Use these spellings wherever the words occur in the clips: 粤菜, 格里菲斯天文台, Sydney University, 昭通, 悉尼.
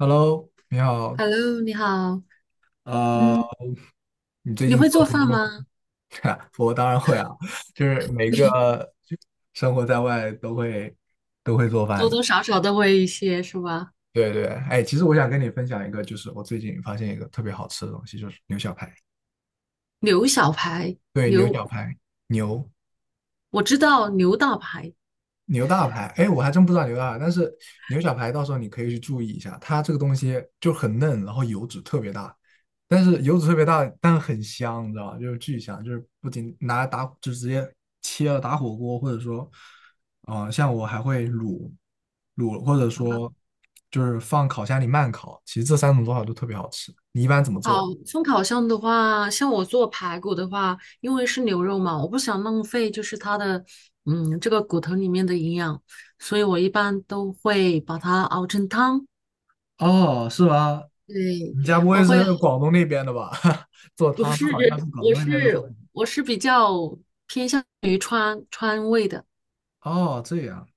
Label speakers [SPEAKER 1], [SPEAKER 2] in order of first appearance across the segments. [SPEAKER 1] Hello，你好。
[SPEAKER 2] Hello，你好。
[SPEAKER 1] 呃，
[SPEAKER 2] 嗯，
[SPEAKER 1] 你最
[SPEAKER 2] 你
[SPEAKER 1] 近
[SPEAKER 2] 会
[SPEAKER 1] 做
[SPEAKER 2] 做
[SPEAKER 1] 了什
[SPEAKER 2] 饭
[SPEAKER 1] 么？
[SPEAKER 2] 吗？
[SPEAKER 1] 我当然会啊，就是每个 就生活在外都会做饭
[SPEAKER 2] 多
[SPEAKER 1] 的。
[SPEAKER 2] 多少少都会一些，是吧？
[SPEAKER 1] 对对，哎，其实我想跟你分享一个，就是我最近发现一个特别好吃的东西，就是牛小排。
[SPEAKER 2] 牛小排，
[SPEAKER 1] 对，牛
[SPEAKER 2] 牛，
[SPEAKER 1] 小排，牛。
[SPEAKER 2] 我知道牛大排。
[SPEAKER 1] 牛大排，哎，我还真不知道牛大排，但是牛小排到时候你可以去注意一下，它这个东西就很嫩，然后油脂特别大，但是油脂特别大，但很香，你知道吧？就是巨香，就是不仅拿来打，就直接切了打火锅，或者说，像我还会卤，或者说就是放烤箱里慢烤，其实这三种做法都特别好吃。你一般怎么
[SPEAKER 2] 好，
[SPEAKER 1] 做？
[SPEAKER 2] 风烤箱的话，像我做排骨的话，因为是牛肉嘛，我不想浪费，就是它的，这个骨头里面的营养，所以我一般都会把它熬成汤。
[SPEAKER 1] 哦，是吗？
[SPEAKER 2] 对，
[SPEAKER 1] 你家不
[SPEAKER 2] 我
[SPEAKER 1] 会
[SPEAKER 2] 会啊
[SPEAKER 1] 是广东那边的吧？做
[SPEAKER 2] 不
[SPEAKER 1] 汤，这
[SPEAKER 2] 是，
[SPEAKER 1] 好像是广
[SPEAKER 2] 我
[SPEAKER 1] 东那边的做法。
[SPEAKER 2] 是我是比较偏向于川味的。
[SPEAKER 1] 哦，这样。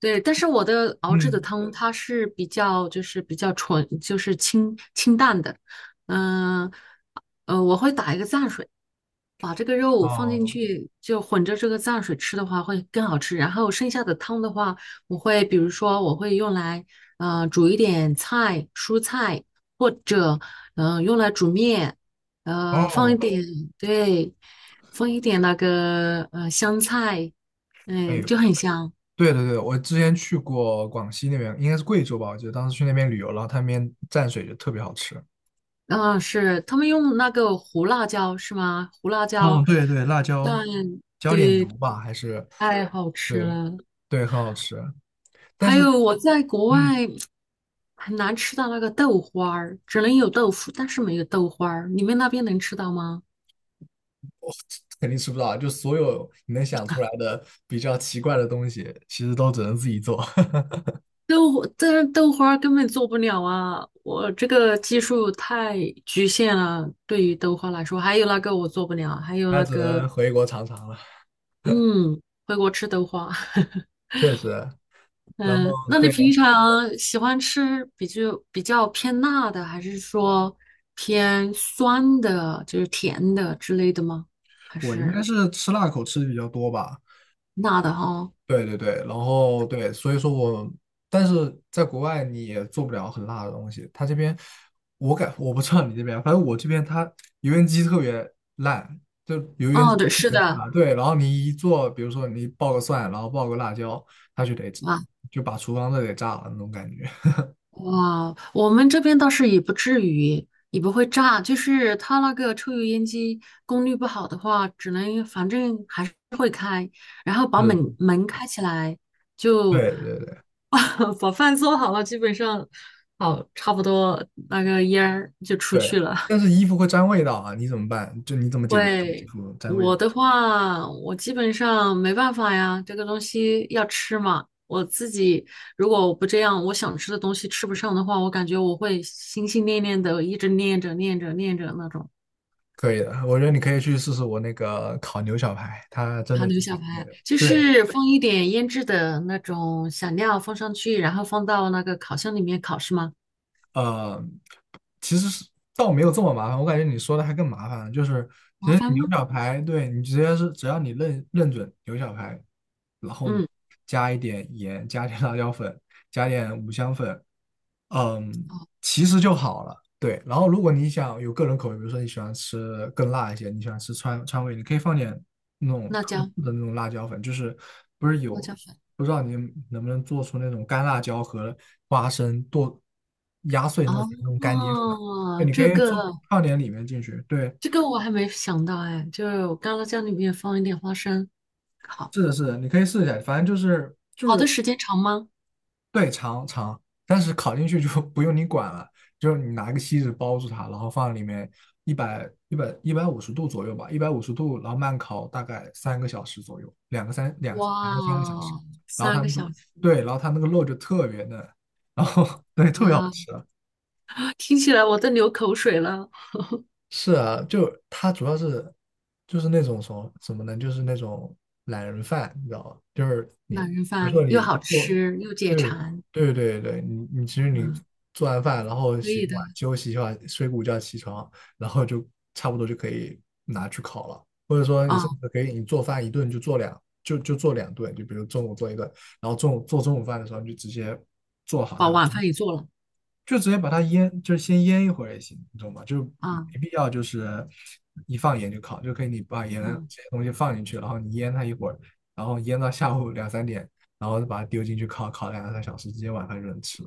[SPEAKER 2] 对，但是我的熬制的
[SPEAKER 1] 嗯，
[SPEAKER 2] 汤它是比较就是比较纯，就是清清淡的，嗯我会打一个蘸水，把这个肉放进
[SPEAKER 1] 哦
[SPEAKER 2] 去，就混着这个蘸水吃的话会更好吃。然后剩下的汤的话，比如说我会用来煮一点菜、蔬菜，或者用来煮面，呃放一
[SPEAKER 1] 哦，
[SPEAKER 2] 点对，放一点那个香菜，
[SPEAKER 1] 哎呦，
[SPEAKER 2] 就很香。
[SPEAKER 1] 对对对，我之前去过广西那边，应该是贵州吧，我记得当时去那边旅游，然后他那边蘸水就特别好吃。
[SPEAKER 2] 啊，是他们用那个胡辣椒是吗？胡辣椒
[SPEAKER 1] 嗯，对对，辣椒，
[SPEAKER 2] 蘸，
[SPEAKER 1] 浇点油
[SPEAKER 2] 对，
[SPEAKER 1] 吧，还是
[SPEAKER 2] 太好吃
[SPEAKER 1] 对
[SPEAKER 2] 了。
[SPEAKER 1] 对，很好吃。但
[SPEAKER 2] 还
[SPEAKER 1] 是，
[SPEAKER 2] 有我在国
[SPEAKER 1] 嗯，
[SPEAKER 2] 外很难吃到那个豆花儿，只能有豆腐，但是没有豆花儿。你们那边能吃到吗？
[SPEAKER 1] 我肯定吃不到啊，就所有你能想出来的比较奇怪的东西，其实都只能自己做，
[SPEAKER 2] 豆花，但是豆花儿根本做不了啊！我这个技术太局限了，对于豆花来说，还有那个我做不了，还 有
[SPEAKER 1] 那
[SPEAKER 2] 那
[SPEAKER 1] 只
[SPEAKER 2] 个，
[SPEAKER 1] 能回国尝尝了。
[SPEAKER 2] 嗯，回国吃豆花。
[SPEAKER 1] 确实，然
[SPEAKER 2] 嗯，
[SPEAKER 1] 后
[SPEAKER 2] 那你
[SPEAKER 1] 对，
[SPEAKER 2] 平常喜欢吃比较偏辣的，还是说偏酸的，就是甜的之类的吗？还
[SPEAKER 1] 我应
[SPEAKER 2] 是
[SPEAKER 1] 该是吃辣口吃的比较多吧。
[SPEAKER 2] 辣的哈？
[SPEAKER 1] 对对对，然后对，所以说我，但是在国外你也做不了很辣的东西。他这边，我不知道你这边，反正我这边它油烟机特别烂，就油烟机
[SPEAKER 2] 哦，对，
[SPEAKER 1] 特
[SPEAKER 2] 是
[SPEAKER 1] 别差。
[SPEAKER 2] 的，
[SPEAKER 1] 对，然后你一做，比如说你爆个蒜，然后爆个辣椒，它就得
[SPEAKER 2] 啊，
[SPEAKER 1] 就把厨房都得炸了那种感觉。
[SPEAKER 2] 哇，我们这边倒是也不至于，也不会炸，就是它那个抽油烟机功率不好的话，只能反正还是会开，然后把门
[SPEAKER 1] 是，
[SPEAKER 2] 门开起来，就。
[SPEAKER 1] 对对对
[SPEAKER 2] 把饭做好了，基本上好差不多那个烟儿就出
[SPEAKER 1] 对，
[SPEAKER 2] 去了。
[SPEAKER 1] 但是衣服会沾味道啊，你怎么办？就你怎么解决衣
[SPEAKER 2] 会，
[SPEAKER 1] 服沾味道？
[SPEAKER 2] 我的话，我基本上没办法呀，这个东西要吃嘛。我自己如果我不这样，我想吃的东西吃不上的话，我感觉我会心心念念的一直念着念着念着那种
[SPEAKER 1] 可以的，我觉得你可以去试试我那个烤牛小排，它真
[SPEAKER 2] 糖
[SPEAKER 1] 的
[SPEAKER 2] 牛
[SPEAKER 1] 挺好
[SPEAKER 2] 小
[SPEAKER 1] 吃
[SPEAKER 2] 排，
[SPEAKER 1] 的。
[SPEAKER 2] 就
[SPEAKER 1] 对，
[SPEAKER 2] 是放一点腌制的那种小料放上去，然后放到那个烤箱里面烤，是吗？
[SPEAKER 1] 呃，其实是倒没有这么麻烦，我感觉你说的还更麻烦就是其
[SPEAKER 2] 麻
[SPEAKER 1] 实
[SPEAKER 2] 烦
[SPEAKER 1] 你牛
[SPEAKER 2] 吗？
[SPEAKER 1] 小排，对你直接是只要你认准牛小排，然后你
[SPEAKER 2] 嗯，
[SPEAKER 1] 加一点盐，加点辣椒粉，加点五香粉，嗯，
[SPEAKER 2] 哦，
[SPEAKER 1] 其实就好了。对，然后如果你想有个人口味，比如说你喜欢吃更辣一些，你喜欢吃川味，你可以放点那种
[SPEAKER 2] 辣
[SPEAKER 1] 特制
[SPEAKER 2] 椒，
[SPEAKER 1] 的那种辣椒粉，就是不是
[SPEAKER 2] 辣
[SPEAKER 1] 有
[SPEAKER 2] 椒粉。
[SPEAKER 1] 不知道你能不能做出那种干辣椒和花生剁压碎弄成那种干碟粉，对，
[SPEAKER 2] 哦，
[SPEAKER 1] 你可
[SPEAKER 2] 这
[SPEAKER 1] 以做
[SPEAKER 2] 个
[SPEAKER 1] 放点里面进去。对，
[SPEAKER 2] 这个我还没想到哎，就是我干辣椒里面放一点花生，好，
[SPEAKER 1] 是的，是的，你可以试一下，反正就是就
[SPEAKER 2] 好的
[SPEAKER 1] 是
[SPEAKER 2] 时间长吗？
[SPEAKER 1] 对，长，但是烤进去就 不用你管了，就是你拿个锡纸包住它，然后放里面一百五十度左右吧，一百五十度，然后慢烤大概三个小时左右，两个三两两
[SPEAKER 2] 哇
[SPEAKER 1] 个三个小时，
[SPEAKER 2] 哦，
[SPEAKER 1] 然后它
[SPEAKER 2] 三个
[SPEAKER 1] 那个
[SPEAKER 2] 小时
[SPEAKER 1] 对，然后它那个肉就特别嫩，然后 对特别好
[SPEAKER 2] 啊，
[SPEAKER 1] 吃。
[SPEAKER 2] 听起来我都流口水了。
[SPEAKER 1] 是啊，就他主要是就是那种什么怎么呢？就是那种懒人饭，你知道吧？就是你
[SPEAKER 2] 懒
[SPEAKER 1] 比
[SPEAKER 2] 人
[SPEAKER 1] 如说
[SPEAKER 2] 饭又
[SPEAKER 1] 你
[SPEAKER 2] 好
[SPEAKER 1] 做，
[SPEAKER 2] 吃又解
[SPEAKER 1] 对
[SPEAKER 2] 馋，
[SPEAKER 1] 对对对，你你其实你
[SPEAKER 2] 嗯，
[SPEAKER 1] 做完饭，然后
[SPEAKER 2] 可
[SPEAKER 1] 洗
[SPEAKER 2] 以
[SPEAKER 1] 个
[SPEAKER 2] 的
[SPEAKER 1] 碗休息一下，睡个午觉起床，然后就差不多就可以拿去烤了，或者说你甚
[SPEAKER 2] 啊，
[SPEAKER 1] 至可以你做饭一顿就做两顿，就比如中午做一顿，然后中午做中午饭的时候你就直接做好
[SPEAKER 2] 把
[SPEAKER 1] 它。
[SPEAKER 2] 晚饭也做了
[SPEAKER 1] 就直接把它腌，就是先腌一会儿也行，你懂吗？就没
[SPEAKER 2] 啊，
[SPEAKER 1] 必要就是一放盐就烤，就可以你把盐这
[SPEAKER 2] 嗯，
[SPEAKER 1] 些东西放进去，然后你腌它一会儿，然后腌到下午两三点，然后再把它丢进去烤，烤两三小时，直接晚饭就能吃。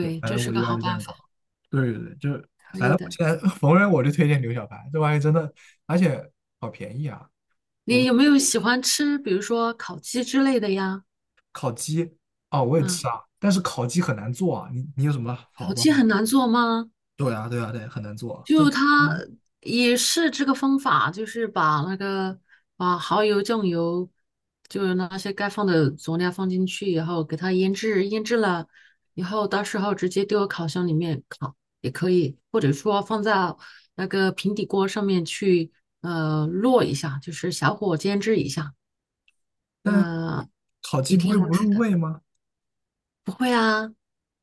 [SPEAKER 1] 对，反
[SPEAKER 2] 这
[SPEAKER 1] 正
[SPEAKER 2] 是
[SPEAKER 1] 我一
[SPEAKER 2] 个
[SPEAKER 1] 般
[SPEAKER 2] 好
[SPEAKER 1] 是这
[SPEAKER 2] 办
[SPEAKER 1] 样搞。
[SPEAKER 2] 法，
[SPEAKER 1] 对对对，就
[SPEAKER 2] 可
[SPEAKER 1] 反正
[SPEAKER 2] 以
[SPEAKER 1] 我
[SPEAKER 2] 的。
[SPEAKER 1] 现在 逢人我就推荐牛小排，这玩意真的，而且好便宜啊！我
[SPEAKER 2] 你
[SPEAKER 1] 不
[SPEAKER 2] 有没有喜欢吃，比如说烤鸡之类的呀？
[SPEAKER 1] 哦，我也吃
[SPEAKER 2] 嗯，
[SPEAKER 1] 啊，但是烤鸡很难做啊。你你有什么好
[SPEAKER 2] 烤
[SPEAKER 1] 办
[SPEAKER 2] 鸡
[SPEAKER 1] 法？
[SPEAKER 2] 很难做吗？
[SPEAKER 1] 对啊，对啊，对，很难做啊这
[SPEAKER 2] 就它
[SPEAKER 1] 嗯，
[SPEAKER 2] 也是这个方法，就是把那个把蚝油、酱油，就是那些该放的佐料放进去以后，给它腌制，腌制了以后，到时候直接丢到烤箱里面烤也可以，或者说放在那个平底锅上面去烙一下，就是小火煎制一下，
[SPEAKER 1] 但
[SPEAKER 2] 嗯、
[SPEAKER 1] 烤
[SPEAKER 2] 也
[SPEAKER 1] 鸡不
[SPEAKER 2] 挺
[SPEAKER 1] 会
[SPEAKER 2] 好
[SPEAKER 1] 不
[SPEAKER 2] 吃
[SPEAKER 1] 入
[SPEAKER 2] 的。
[SPEAKER 1] 味吗？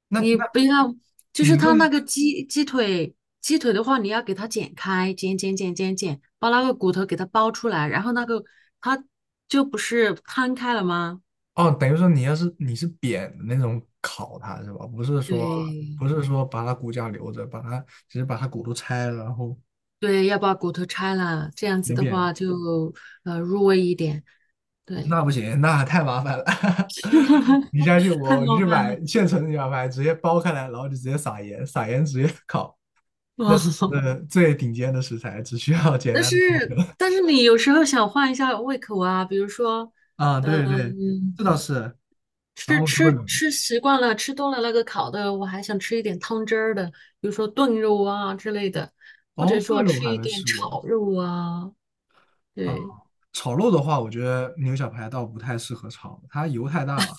[SPEAKER 1] 那
[SPEAKER 2] 你
[SPEAKER 1] 那
[SPEAKER 2] 不要，就是
[SPEAKER 1] 你
[SPEAKER 2] 它
[SPEAKER 1] 会
[SPEAKER 2] 那个鸡腿，鸡腿的话，你要给它剪开，剪剪剪剪剪，把那个骨头给它剥出来，然后那个它就不是摊开了吗？
[SPEAKER 1] 哦，等于说你要是你是扁的那种烤它是吧？不是说
[SPEAKER 2] 对，
[SPEAKER 1] 不是说把它骨架留着，把它只是把它骨头拆了，然后
[SPEAKER 2] 对，要把骨头拆了，这样子
[SPEAKER 1] 扁
[SPEAKER 2] 的
[SPEAKER 1] 扁的，
[SPEAKER 2] 话就入味一点。对，
[SPEAKER 1] 那不行，那太麻烦了。你 相信
[SPEAKER 2] 太
[SPEAKER 1] 我，你
[SPEAKER 2] 麻
[SPEAKER 1] 去
[SPEAKER 2] 烦
[SPEAKER 1] 买
[SPEAKER 2] 了。
[SPEAKER 1] 现成的牛排，直接剥开来，然后就直接撒盐，撒盐直接烤。那
[SPEAKER 2] 哦，
[SPEAKER 1] 最顶尖的食材，只需要简
[SPEAKER 2] 但
[SPEAKER 1] 单的
[SPEAKER 2] 是但是你有时候想换一下胃口啊，比如说，
[SPEAKER 1] 啊，
[SPEAKER 2] 嗯、
[SPEAKER 1] 对对，这倒是。然
[SPEAKER 2] 吃
[SPEAKER 1] 后就会有
[SPEAKER 2] 吃吃习惯了，吃多了那个烤的，我还想吃一点汤汁儿的，比如说炖肉啊之类的，或
[SPEAKER 1] 哦，
[SPEAKER 2] 者
[SPEAKER 1] 炖
[SPEAKER 2] 说
[SPEAKER 1] 肉我
[SPEAKER 2] 吃
[SPEAKER 1] 还
[SPEAKER 2] 一
[SPEAKER 1] 没
[SPEAKER 2] 点
[SPEAKER 1] 试
[SPEAKER 2] 炒
[SPEAKER 1] 过。
[SPEAKER 2] 肉啊。
[SPEAKER 1] 啊。
[SPEAKER 2] 对，
[SPEAKER 1] 炒肉的话，我觉得牛小排倒不太适合炒，它油太大了。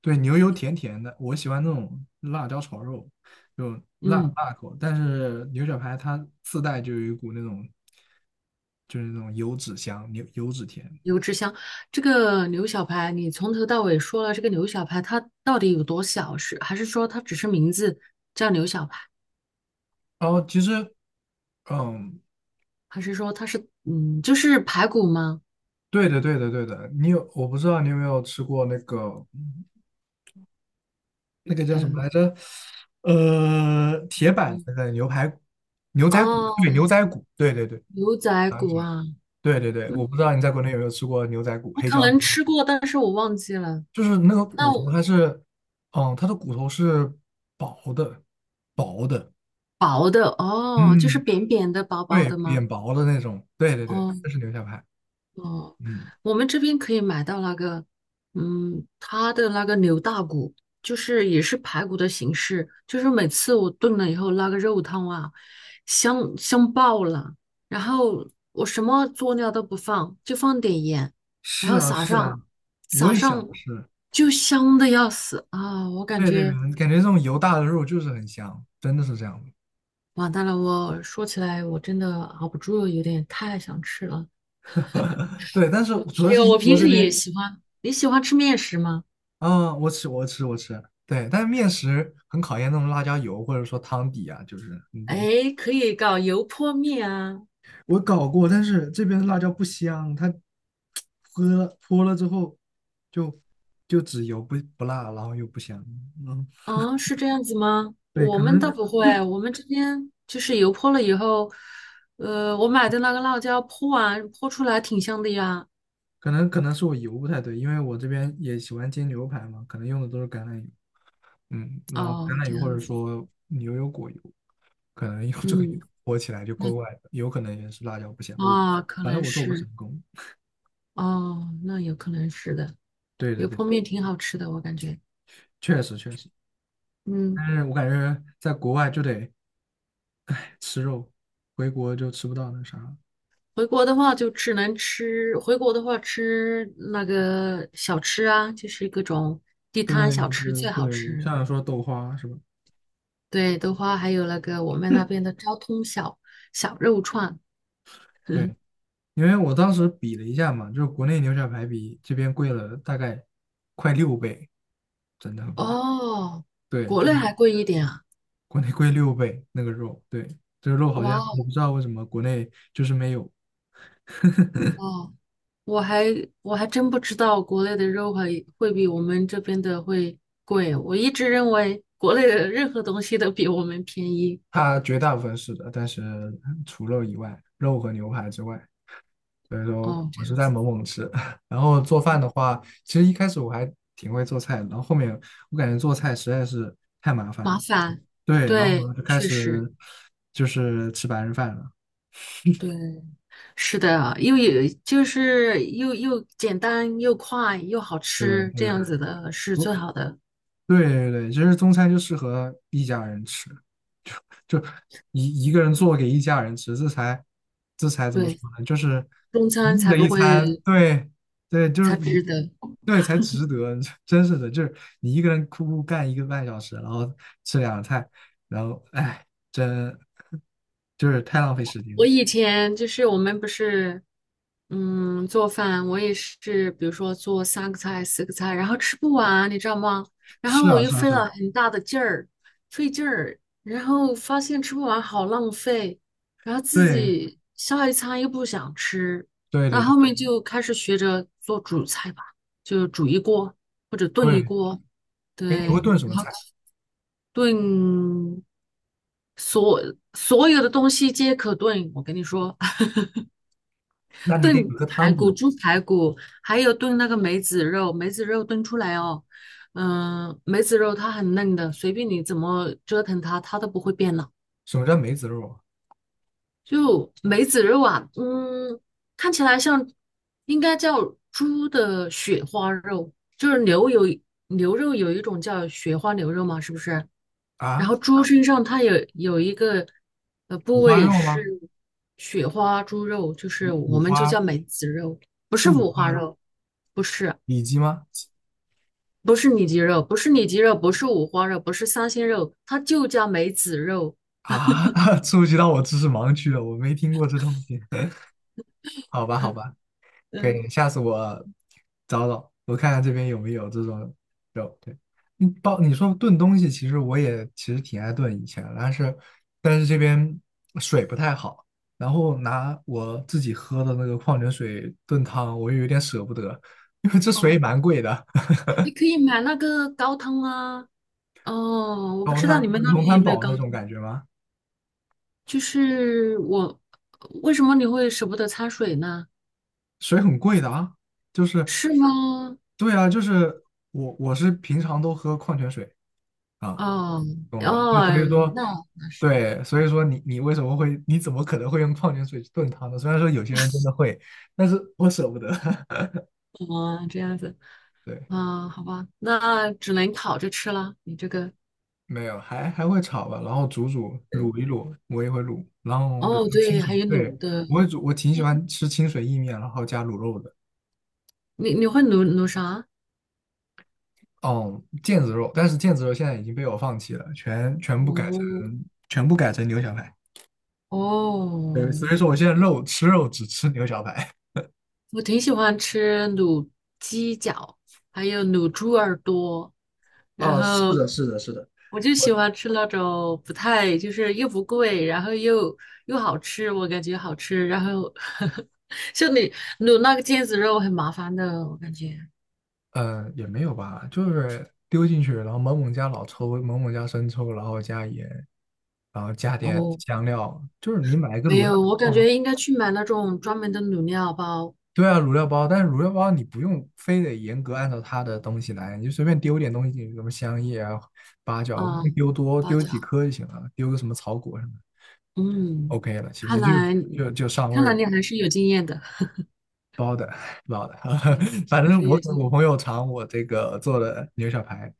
[SPEAKER 1] 对，牛油甜甜的，我喜欢那种辣椒炒肉，就辣
[SPEAKER 2] 嗯，
[SPEAKER 1] 辣口。但是牛小排它自带就有一股那种，就是那种油脂香，牛油脂甜。
[SPEAKER 2] 油脂香，这个牛小排，你从头到尾说了这个牛小排它到底有多小？是还是说它只是名字叫牛小排，
[SPEAKER 1] 然后其实，嗯，
[SPEAKER 2] 还是说它是嗯就是排骨吗？
[SPEAKER 1] 对的，对的，对的。你有，我不知道你有没有吃过那个那个叫什么
[SPEAKER 2] 嗯，
[SPEAKER 1] 来着？铁板那个牛排骨牛仔骨，对，牛
[SPEAKER 2] 哦，
[SPEAKER 1] 仔骨，对对对，
[SPEAKER 2] 牛仔
[SPEAKER 1] 想
[SPEAKER 2] 骨
[SPEAKER 1] 起来了。
[SPEAKER 2] 啊，
[SPEAKER 1] 对对对，
[SPEAKER 2] 嗯
[SPEAKER 1] 我不知道你在国内有没有吃过牛仔骨、
[SPEAKER 2] 我
[SPEAKER 1] 黑
[SPEAKER 2] 可
[SPEAKER 1] 椒牛
[SPEAKER 2] 能
[SPEAKER 1] 杂，
[SPEAKER 2] 吃过，但是我忘记了。
[SPEAKER 1] 就是那个
[SPEAKER 2] 那
[SPEAKER 1] 骨头
[SPEAKER 2] 我。
[SPEAKER 1] 它是，嗯，它的骨头是薄的，薄的，
[SPEAKER 2] 薄的哦，就是
[SPEAKER 1] 嗯，
[SPEAKER 2] 扁扁的、薄薄
[SPEAKER 1] 对，
[SPEAKER 2] 的吗？
[SPEAKER 1] 扁薄的那种，对对
[SPEAKER 2] 哦
[SPEAKER 1] 对，这是牛小排，
[SPEAKER 2] 哦，
[SPEAKER 1] 嗯，
[SPEAKER 2] 我们这边可以买到那个，嗯，它的那个牛大骨，就是也是排骨的形式，就是每次我炖了以后，那个肉汤啊，香香爆了。然后我什么佐料都不放，就放点盐，然
[SPEAKER 1] 是
[SPEAKER 2] 后
[SPEAKER 1] 啊
[SPEAKER 2] 撒
[SPEAKER 1] 是啊，
[SPEAKER 2] 上
[SPEAKER 1] 我
[SPEAKER 2] 撒
[SPEAKER 1] 也想
[SPEAKER 2] 上，
[SPEAKER 1] 吃，
[SPEAKER 2] 就香的要死啊！我感
[SPEAKER 1] 在这边
[SPEAKER 2] 觉
[SPEAKER 1] 感觉这种油大的肉就是很香，真的是这样的，
[SPEAKER 2] 完蛋了，我说起来我真的熬不住，有点太想吃了。
[SPEAKER 1] 对，但是主要
[SPEAKER 2] 还
[SPEAKER 1] 是
[SPEAKER 2] 有，
[SPEAKER 1] 英
[SPEAKER 2] 我平
[SPEAKER 1] 国这
[SPEAKER 2] 时也
[SPEAKER 1] 边，
[SPEAKER 2] 喜欢。你喜欢吃面食吗？
[SPEAKER 1] 嗯，我吃，对，但是面食很考验那种辣椒油或者说汤底啊，就是你懂，
[SPEAKER 2] 哎，可以搞油泼面啊。
[SPEAKER 1] 我搞过，但是这边的辣椒不香，它泼了之后就就只油不辣，然后又不香。嗯，
[SPEAKER 2] 哦，是这样子吗？
[SPEAKER 1] 对，
[SPEAKER 2] 我
[SPEAKER 1] 可
[SPEAKER 2] 们倒
[SPEAKER 1] 能
[SPEAKER 2] 不会，我们这边就是油泼了以后，我买的那个辣椒泼完泼出来挺香的呀。
[SPEAKER 1] 可能可能是我油不太对，因为我这边也喜欢煎牛排嘛，可能用的都是橄榄油。嗯，然后橄
[SPEAKER 2] 哦，
[SPEAKER 1] 榄
[SPEAKER 2] 这
[SPEAKER 1] 油或
[SPEAKER 2] 样
[SPEAKER 1] 者
[SPEAKER 2] 子，
[SPEAKER 1] 说牛油果油，可能用这个油
[SPEAKER 2] 嗯，
[SPEAKER 1] 泼起来就怪
[SPEAKER 2] 那
[SPEAKER 1] 怪的，有可能也是辣椒不香。我
[SPEAKER 2] 啊，可
[SPEAKER 1] 反正
[SPEAKER 2] 能
[SPEAKER 1] 我做不成
[SPEAKER 2] 是，
[SPEAKER 1] 功。
[SPEAKER 2] 哦，那有可能是的。
[SPEAKER 1] 对对
[SPEAKER 2] 油
[SPEAKER 1] 对，
[SPEAKER 2] 泼面挺好吃的，我感觉。
[SPEAKER 1] 确实确实，
[SPEAKER 2] 嗯。
[SPEAKER 1] 但是我感觉在国外就得吃肉，回国就吃不到那啥
[SPEAKER 2] 回国的话就只能吃，回国的话吃那个小吃啊，就是各种地
[SPEAKER 1] 对
[SPEAKER 2] 摊小吃最好
[SPEAKER 1] 对对，
[SPEAKER 2] 吃。
[SPEAKER 1] 像说豆花是吧？
[SPEAKER 2] 对的话，还有那个我们那边的昭通小肉串。
[SPEAKER 1] 对，因为我当时比了一下嘛，就是国内牛小排比这边贵了大概快六倍，真的很贵。
[SPEAKER 2] 哦，
[SPEAKER 1] 对，
[SPEAKER 2] 国
[SPEAKER 1] 就
[SPEAKER 2] 内
[SPEAKER 1] 是
[SPEAKER 2] 还贵一点啊！
[SPEAKER 1] 国内贵六倍那个肉，对，这个肉好
[SPEAKER 2] 哇
[SPEAKER 1] 像
[SPEAKER 2] 哦，
[SPEAKER 1] 我不知道为什么国内就是没有，
[SPEAKER 2] 哦我还我还真不知道国内的肉会比我们这边的会贵。我一直认为国内的任何东西都比我们便宜。
[SPEAKER 1] 它绝大部分是的，但是除肉以外，肉和牛排之外，所以说
[SPEAKER 2] 哦，这
[SPEAKER 1] 我是
[SPEAKER 2] 样
[SPEAKER 1] 在
[SPEAKER 2] 子，
[SPEAKER 1] 猛猛吃。然后做饭的
[SPEAKER 2] 嗯，
[SPEAKER 1] 话，其实一开始我还挺会做菜的，然后后面我感觉做菜实在是太麻烦
[SPEAKER 2] 麻
[SPEAKER 1] 了。
[SPEAKER 2] 烦，
[SPEAKER 1] 对，然后
[SPEAKER 2] 对，
[SPEAKER 1] 我就开
[SPEAKER 2] 确
[SPEAKER 1] 始
[SPEAKER 2] 实。
[SPEAKER 1] 就是吃白人饭了。
[SPEAKER 2] 对，是的啊，又有就是又简单又快又好
[SPEAKER 1] 对
[SPEAKER 2] 吃，这
[SPEAKER 1] 对的
[SPEAKER 2] 样子的是最
[SPEAKER 1] 我
[SPEAKER 2] 好的。
[SPEAKER 1] 对对对，其实中餐就适合一家人吃，就就一个人做给一家人吃，这才怎么说
[SPEAKER 2] 对，
[SPEAKER 1] 呢？就是
[SPEAKER 2] 中餐
[SPEAKER 1] 嗯
[SPEAKER 2] 才
[SPEAKER 1] 的
[SPEAKER 2] 不
[SPEAKER 1] 一
[SPEAKER 2] 会
[SPEAKER 1] 餐，对对，就
[SPEAKER 2] 才
[SPEAKER 1] 是
[SPEAKER 2] 值得。
[SPEAKER 1] 对才值得，真是的，就是你一个人哭干1个半小时，然后吃两个菜，然后哎，真就是太浪费时间了。
[SPEAKER 2] 我以前就是我们不是，嗯，做饭，我也是，比如说做三个菜、四个菜，然后吃不完，你知道吗？然后
[SPEAKER 1] 是
[SPEAKER 2] 我
[SPEAKER 1] 啊
[SPEAKER 2] 又
[SPEAKER 1] 是啊
[SPEAKER 2] 费
[SPEAKER 1] 是
[SPEAKER 2] 了
[SPEAKER 1] 啊，
[SPEAKER 2] 很大的劲儿，费劲儿，然后发现吃不完好浪费，然后自
[SPEAKER 1] 对
[SPEAKER 2] 己下一餐又不想吃，
[SPEAKER 1] 对
[SPEAKER 2] 那
[SPEAKER 1] 对对
[SPEAKER 2] 后面就开始学着做主菜吧，就煮一锅或者炖一
[SPEAKER 1] 对，
[SPEAKER 2] 锅，
[SPEAKER 1] 哎，你会
[SPEAKER 2] 对，
[SPEAKER 1] 炖什么
[SPEAKER 2] 然后
[SPEAKER 1] 菜？
[SPEAKER 2] 炖所所有的东西皆可炖，我跟你说。
[SPEAKER 1] 那你得
[SPEAKER 2] 炖
[SPEAKER 1] 有个
[SPEAKER 2] 排
[SPEAKER 1] 汤
[SPEAKER 2] 骨、
[SPEAKER 1] 底。
[SPEAKER 2] 猪排骨，还有炖那个梅子肉，梅子肉炖出来哦，嗯，梅子肉它很嫩的，随便你怎么折腾它，它都不会变老。
[SPEAKER 1] 什么叫梅子肉
[SPEAKER 2] 就梅子肉啊，嗯，看起来像应该叫猪的雪花肉，就是牛肉有一种叫雪花牛肉嘛，是不是？然
[SPEAKER 1] 啊？
[SPEAKER 2] 后猪身上它有一个部
[SPEAKER 1] 五花
[SPEAKER 2] 位
[SPEAKER 1] 肉
[SPEAKER 2] 是
[SPEAKER 1] 吗？
[SPEAKER 2] 雪花猪肉，就是我
[SPEAKER 1] 五
[SPEAKER 2] 们就
[SPEAKER 1] 花
[SPEAKER 2] 叫梅子肉，不
[SPEAKER 1] 是
[SPEAKER 2] 是
[SPEAKER 1] 五
[SPEAKER 2] 五花
[SPEAKER 1] 花肉
[SPEAKER 2] 肉，不是
[SPEAKER 1] 里脊吗？
[SPEAKER 2] 不是里脊肉，不是里脊肉，不是五花肉，不是三鲜肉，它就叫梅子肉。
[SPEAKER 1] 啊，触及到我知识盲区了，我没听过这东西。好吧，好吧，可
[SPEAKER 2] 嗯，
[SPEAKER 1] 以，下次我找找，我看看这边有没有这种肉。对，你包你说炖东西，其实我也其实挺爱炖以前，但是这边水不太好，然后拿我自己喝的那个矿泉水炖汤，我又有点舍不得，因为这水也
[SPEAKER 2] 哦，
[SPEAKER 1] 蛮贵的。
[SPEAKER 2] 你可以买那个高汤啊。哦，我不
[SPEAKER 1] 高
[SPEAKER 2] 知道
[SPEAKER 1] 滩
[SPEAKER 2] 你们那
[SPEAKER 1] 龙
[SPEAKER 2] 边有
[SPEAKER 1] 潭
[SPEAKER 2] 没有
[SPEAKER 1] 堡
[SPEAKER 2] 高
[SPEAKER 1] 那种
[SPEAKER 2] 汤，
[SPEAKER 1] 感觉吗？
[SPEAKER 2] 就是我为什么你会舍不得掺水呢？
[SPEAKER 1] 水很贵的啊，就是
[SPEAKER 2] 是吗？
[SPEAKER 1] 对啊，就是我是平常都喝矿泉水啊，
[SPEAKER 2] 哦
[SPEAKER 1] 懂了吧？那
[SPEAKER 2] 哦，
[SPEAKER 1] 所以说，
[SPEAKER 2] 那那是。
[SPEAKER 1] 对，所以说你为什么会，你怎么可能会用矿泉水去炖汤呢？虽然说有些人真的会，但是我舍不得。
[SPEAKER 2] 哦，这样子。
[SPEAKER 1] 对，
[SPEAKER 2] 啊，好吧，那只能烤着吃了。你这个，
[SPEAKER 1] 没有，还会炒吧，然后煮煮
[SPEAKER 2] 对
[SPEAKER 1] 卤一卤，我也会卤。然后比如
[SPEAKER 2] 哦，
[SPEAKER 1] 说清
[SPEAKER 2] 对，还
[SPEAKER 1] 水，
[SPEAKER 2] 有
[SPEAKER 1] 对，
[SPEAKER 2] 卤的，
[SPEAKER 1] 我会煮，我挺喜欢吃清水意面，然后加卤肉的。
[SPEAKER 2] 你会卤啥？
[SPEAKER 1] 哦，腱子肉，但是腱子肉现在已经被我放弃了，
[SPEAKER 2] 卤
[SPEAKER 1] 全部改成牛小排。对，
[SPEAKER 2] 哦，
[SPEAKER 1] 所以说我现在肉吃肉只吃牛小排。
[SPEAKER 2] 我挺喜欢吃卤鸡脚，还有卤猪耳朵，然
[SPEAKER 1] 啊，是
[SPEAKER 2] 后
[SPEAKER 1] 的，是的，是的，
[SPEAKER 2] 我就
[SPEAKER 1] 我
[SPEAKER 2] 喜欢吃那种不太，就是又不贵，然后又好吃，我感觉好吃。然后 像你卤那个腱子肉很麻烦的，我感觉。
[SPEAKER 1] 嗯也没有吧，就是丢进去，然后猛猛加老抽，猛猛加生抽，然后加盐，然后加点
[SPEAKER 2] 哦，
[SPEAKER 1] 香料，就是你买一个
[SPEAKER 2] 没
[SPEAKER 1] 卤肉。
[SPEAKER 2] 有，我感觉应该去买那种专门的卤料包，
[SPEAKER 1] 对啊，卤料包，但是卤料包你不用非得严格按照它的东西来，你就随便丢点东西进去，什么香叶啊、八角，不
[SPEAKER 2] 啊，
[SPEAKER 1] 用丢多，
[SPEAKER 2] 包
[SPEAKER 1] 丢几
[SPEAKER 2] 饺，
[SPEAKER 1] 颗就行了，丢个什么草果什么
[SPEAKER 2] 嗯，
[SPEAKER 1] o k 了，其
[SPEAKER 2] 看
[SPEAKER 1] 实就
[SPEAKER 2] 来你
[SPEAKER 1] 就就上味
[SPEAKER 2] 看
[SPEAKER 1] 儿
[SPEAKER 2] 来
[SPEAKER 1] 了，
[SPEAKER 2] 你还是有经验的，
[SPEAKER 1] 包的 包的，
[SPEAKER 2] 对，
[SPEAKER 1] 反
[SPEAKER 2] 还
[SPEAKER 1] 正
[SPEAKER 2] 是
[SPEAKER 1] 我
[SPEAKER 2] 有
[SPEAKER 1] 给
[SPEAKER 2] 经验，
[SPEAKER 1] 我朋友尝我这个做的牛小排，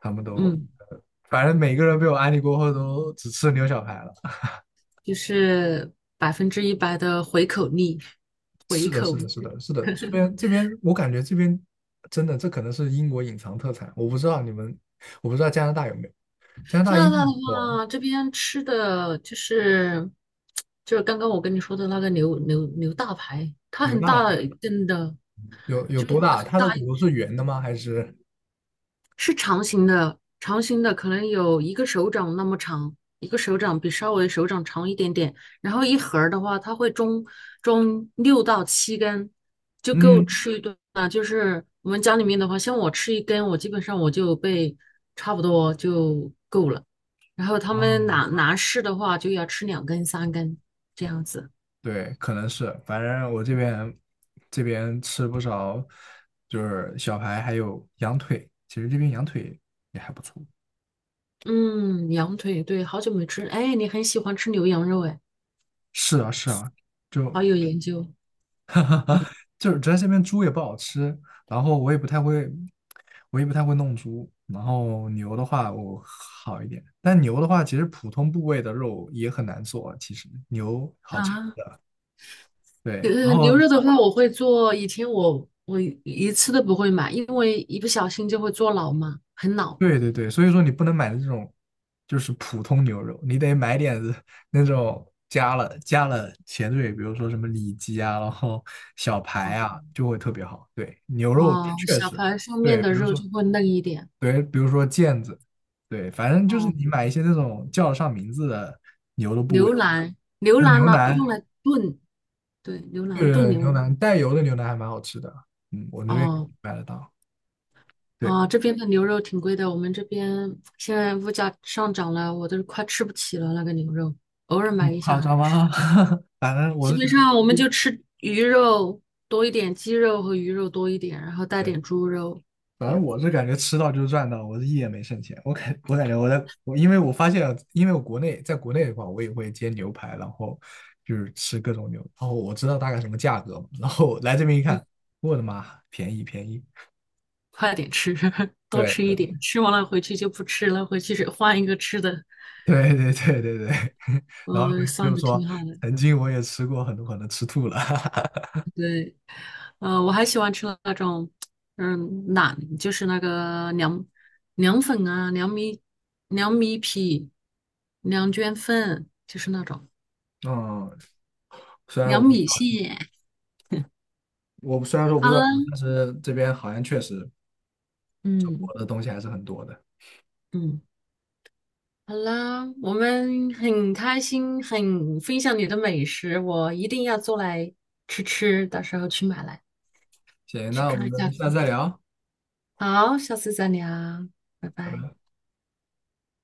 [SPEAKER 1] 他们都，
[SPEAKER 2] 嗯，
[SPEAKER 1] 呃反正每个人被我安利过后都只吃牛小排了。
[SPEAKER 2] 就是100%的回口率。
[SPEAKER 1] 是的，是的，是的，是的，这边这边，我感觉这边真的，这可能是英国隐藏特产，我不知道你们，我不知道加拿大有没有，加拿
[SPEAKER 2] 加
[SPEAKER 1] 大英
[SPEAKER 2] 拿大的
[SPEAKER 1] 国
[SPEAKER 2] 话，这边吃的就是刚刚我跟你说的那个牛大排，它
[SPEAKER 1] 有有
[SPEAKER 2] 很
[SPEAKER 1] 大
[SPEAKER 2] 大一根的，
[SPEAKER 1] 有有
[SPEAKER 2] 就是
[SPEAKER 1] 多
[SPEAKER 2] 很
[SPEAKER 1] 大？它
[SPEAKER 2] 大。
[SPEAKER 1] 的骨头是圆的吗？还是
[SPEAKER 2] 是长形的，长形的可能有一个手掌那么长，一个手掌比稍微手掌长一点点。然后一盒儿的话，它会装六到七根，就够
[SPEAKER 1] 嗯
[SPEAKER 2] 吃一顿啊。就是我们家里面的话，像我吃一根，我基本上我就被差不多就够了。然后他们男
[SPEAKER 1] 啊，
[SPEAKER 2] 男士的话，就要吃两根、三根这样子。
[SPEAKER 1] 对，可能是，反正我这边这边吃不少，就是小排还有羊腿，其实这边羊腿也还不错。
[SPEAKER 2] 嗯，羊腿，对，好久没吃。哎，你很喜欢吃牛羊肉，哎，
[SPEAKER 1] 是啊，是啊，就
[SPEAKER 2] 好有研究
[SPEAKER 1] 就是主要这边猪也不好吃，然后我也不太会，我也不太会弄猪，然后牛的话我好一点，但牛的话其实普通部位的肉也很难做，其实牛好吃，
[SPEAKER 2] 啊。
[SPEAKER 1] 对，
[SPEAKER 2] 呃，
[SPEAKER 1] 然后
[SPEAKER 2] 牛肉的话，我会做。以前我一次都不会买，因为一不小心就会做老嘛，很老。
[SPEAKER 1] 对对对，所以说你不能买这种就是普通牛肉，你得买点子那种加了前缀，比如说什么里脊啊，然后小排
[SPEAKER 2] 哦
[SPEAKER 1] 啊，就会特别好，对，牛肉
[SPEAKER 2] 哦，
[SPEAKER 1] 确
[SPEAKER 2] 小
[SPEAKER 1] 实。
[SPEAKER 2] 排上面
[SPEAKER 1] 对，
[SPEAKER 2] 的
[SPEAKER 1] 比如
[SPEAKER 2] 肉
[SPEAKER 1] 说，
[SPEAKER 2] 就会嫩一点。
[SPEAKER 1] 对，比如说毽子，对，反正就是
[SPEAKER 2] 哦，
[SPEAKER 1] 你买一些那种叫得上名字的，
[SPEAKER 2] 牛腩，牛
[SPEAKER 1] 就是
[SPEAKER 2] 腩
[SPEAKER 1] 牛
[SPEAKER 2] 拿用
[SPEAKER 1] 腩，
[SPEAKER 2] 来炖，对，牛腩炖
[SPEAKER 1] 对，
[SPEAKER 2] 牛
[SPEAKER 1] 牛
[SPEAKER 2] 腩。
[SPEAKER 1] 腩带油的牛腩还蛮好吃的，嗯，我这边
[SPEAKER 2] 哦
[SPEAKER 1] 买得到，对，
[SPEAKER 2] 啊，这边的牛肉挺贵的，我们这边现在物价上涨了，我都快吃不起了那个牛肉，偶尔
[SPEAKER 1] 不
[SPEAKER 2] 买一下
[SPEAKER 1] 夸张
[SPEAKER 2] 来吃。
[SPEAKER 1] 吗？反正我
[SPEAKER 2] 基
[SPEAKER 1] 是觉
[SPEAKER 2] 本
[SPEAKER 1] 得，
[SPEAKER 2] 上我们就吃鱼肉多一点，鸡肉和鱼肉多一点，然后带
[SPEAKER 1] 对，
[SPEAKER 2] 点猪肉。
[SPEAKER 1] 反
[SPEAKER 2] 这
[SPEAKER 1] 正
[SPEAKER 2] 样。
[SPEAKER 1] 我是感觉吃到就是赚到，我是一点没剩钱，我感觉我在我因为我发现，因为我国内在国内的话，我也会煎牛排，然后就是吃各种牛，然后我知道大概什么价格嘛，然后来这边一
[SPEAKER 2] 嗯，
[SPEAKER 1] 看，我的妈，便宜便宜。
[SPEAKER 2] 快点吃，多
[SPEAKER 1] 对，
[SPEAKER 2] 吃一点，吃完了回去就不吃了，回去是换一个吃的，
[SPEAKER 1] 对对对对对，然后
[SPEAKER 2] 算
[SPEAKER 1] 就
[SPEAKER 2] 的
[SPEAKER 1] 说
[SPEAKER 2] 挺好的。
[SPEAKER 1] 曾经我也吃过很多可能吃吐了，
[SPEAKER 2] 对，我还喜欢吃那种，嗯，馕，就是那个凉粉啊，凉米皮、凉卷粉，就是那种
[SPEAKER 1] 嗯，虽然
[SPEAKER 2] 凉
[SPEAKER 1] 我不知
[SPEAKER 2] 米
[SPEAKER 1] 道，
[SPEAKER 2] 线。
[SPEAKER 1] 虽然说我不
[SPEAKER 2] 好
[SPEAKER 1] 知
[SPEAKER 2] 了，
[SPEAKER 1] 道，但是这边好像确实中国
[SPEAKER 2] 嗯
[SPEAKER 1] 的东西还是很多的。
[SPEAKER 2] 嗯，好了，我们很开心，很分享你的美食，我一定要做来吃吃，到时候去买来。
[SPEAKER 1] 行，
[SPEAKER 2] 去
[SPEAKER 1] 那我
[SPEAKER 2] 看
[SPEAKER 1] 们
[SPEAKER 2] 一下
[SPEAKER 1] 下次再聊。
[SPEAKER 2] 好，下次再聊，拜
[SPEAKER 1] 拜
[SPEAKER 2] 拜。
[SPEAKER 1] 拜。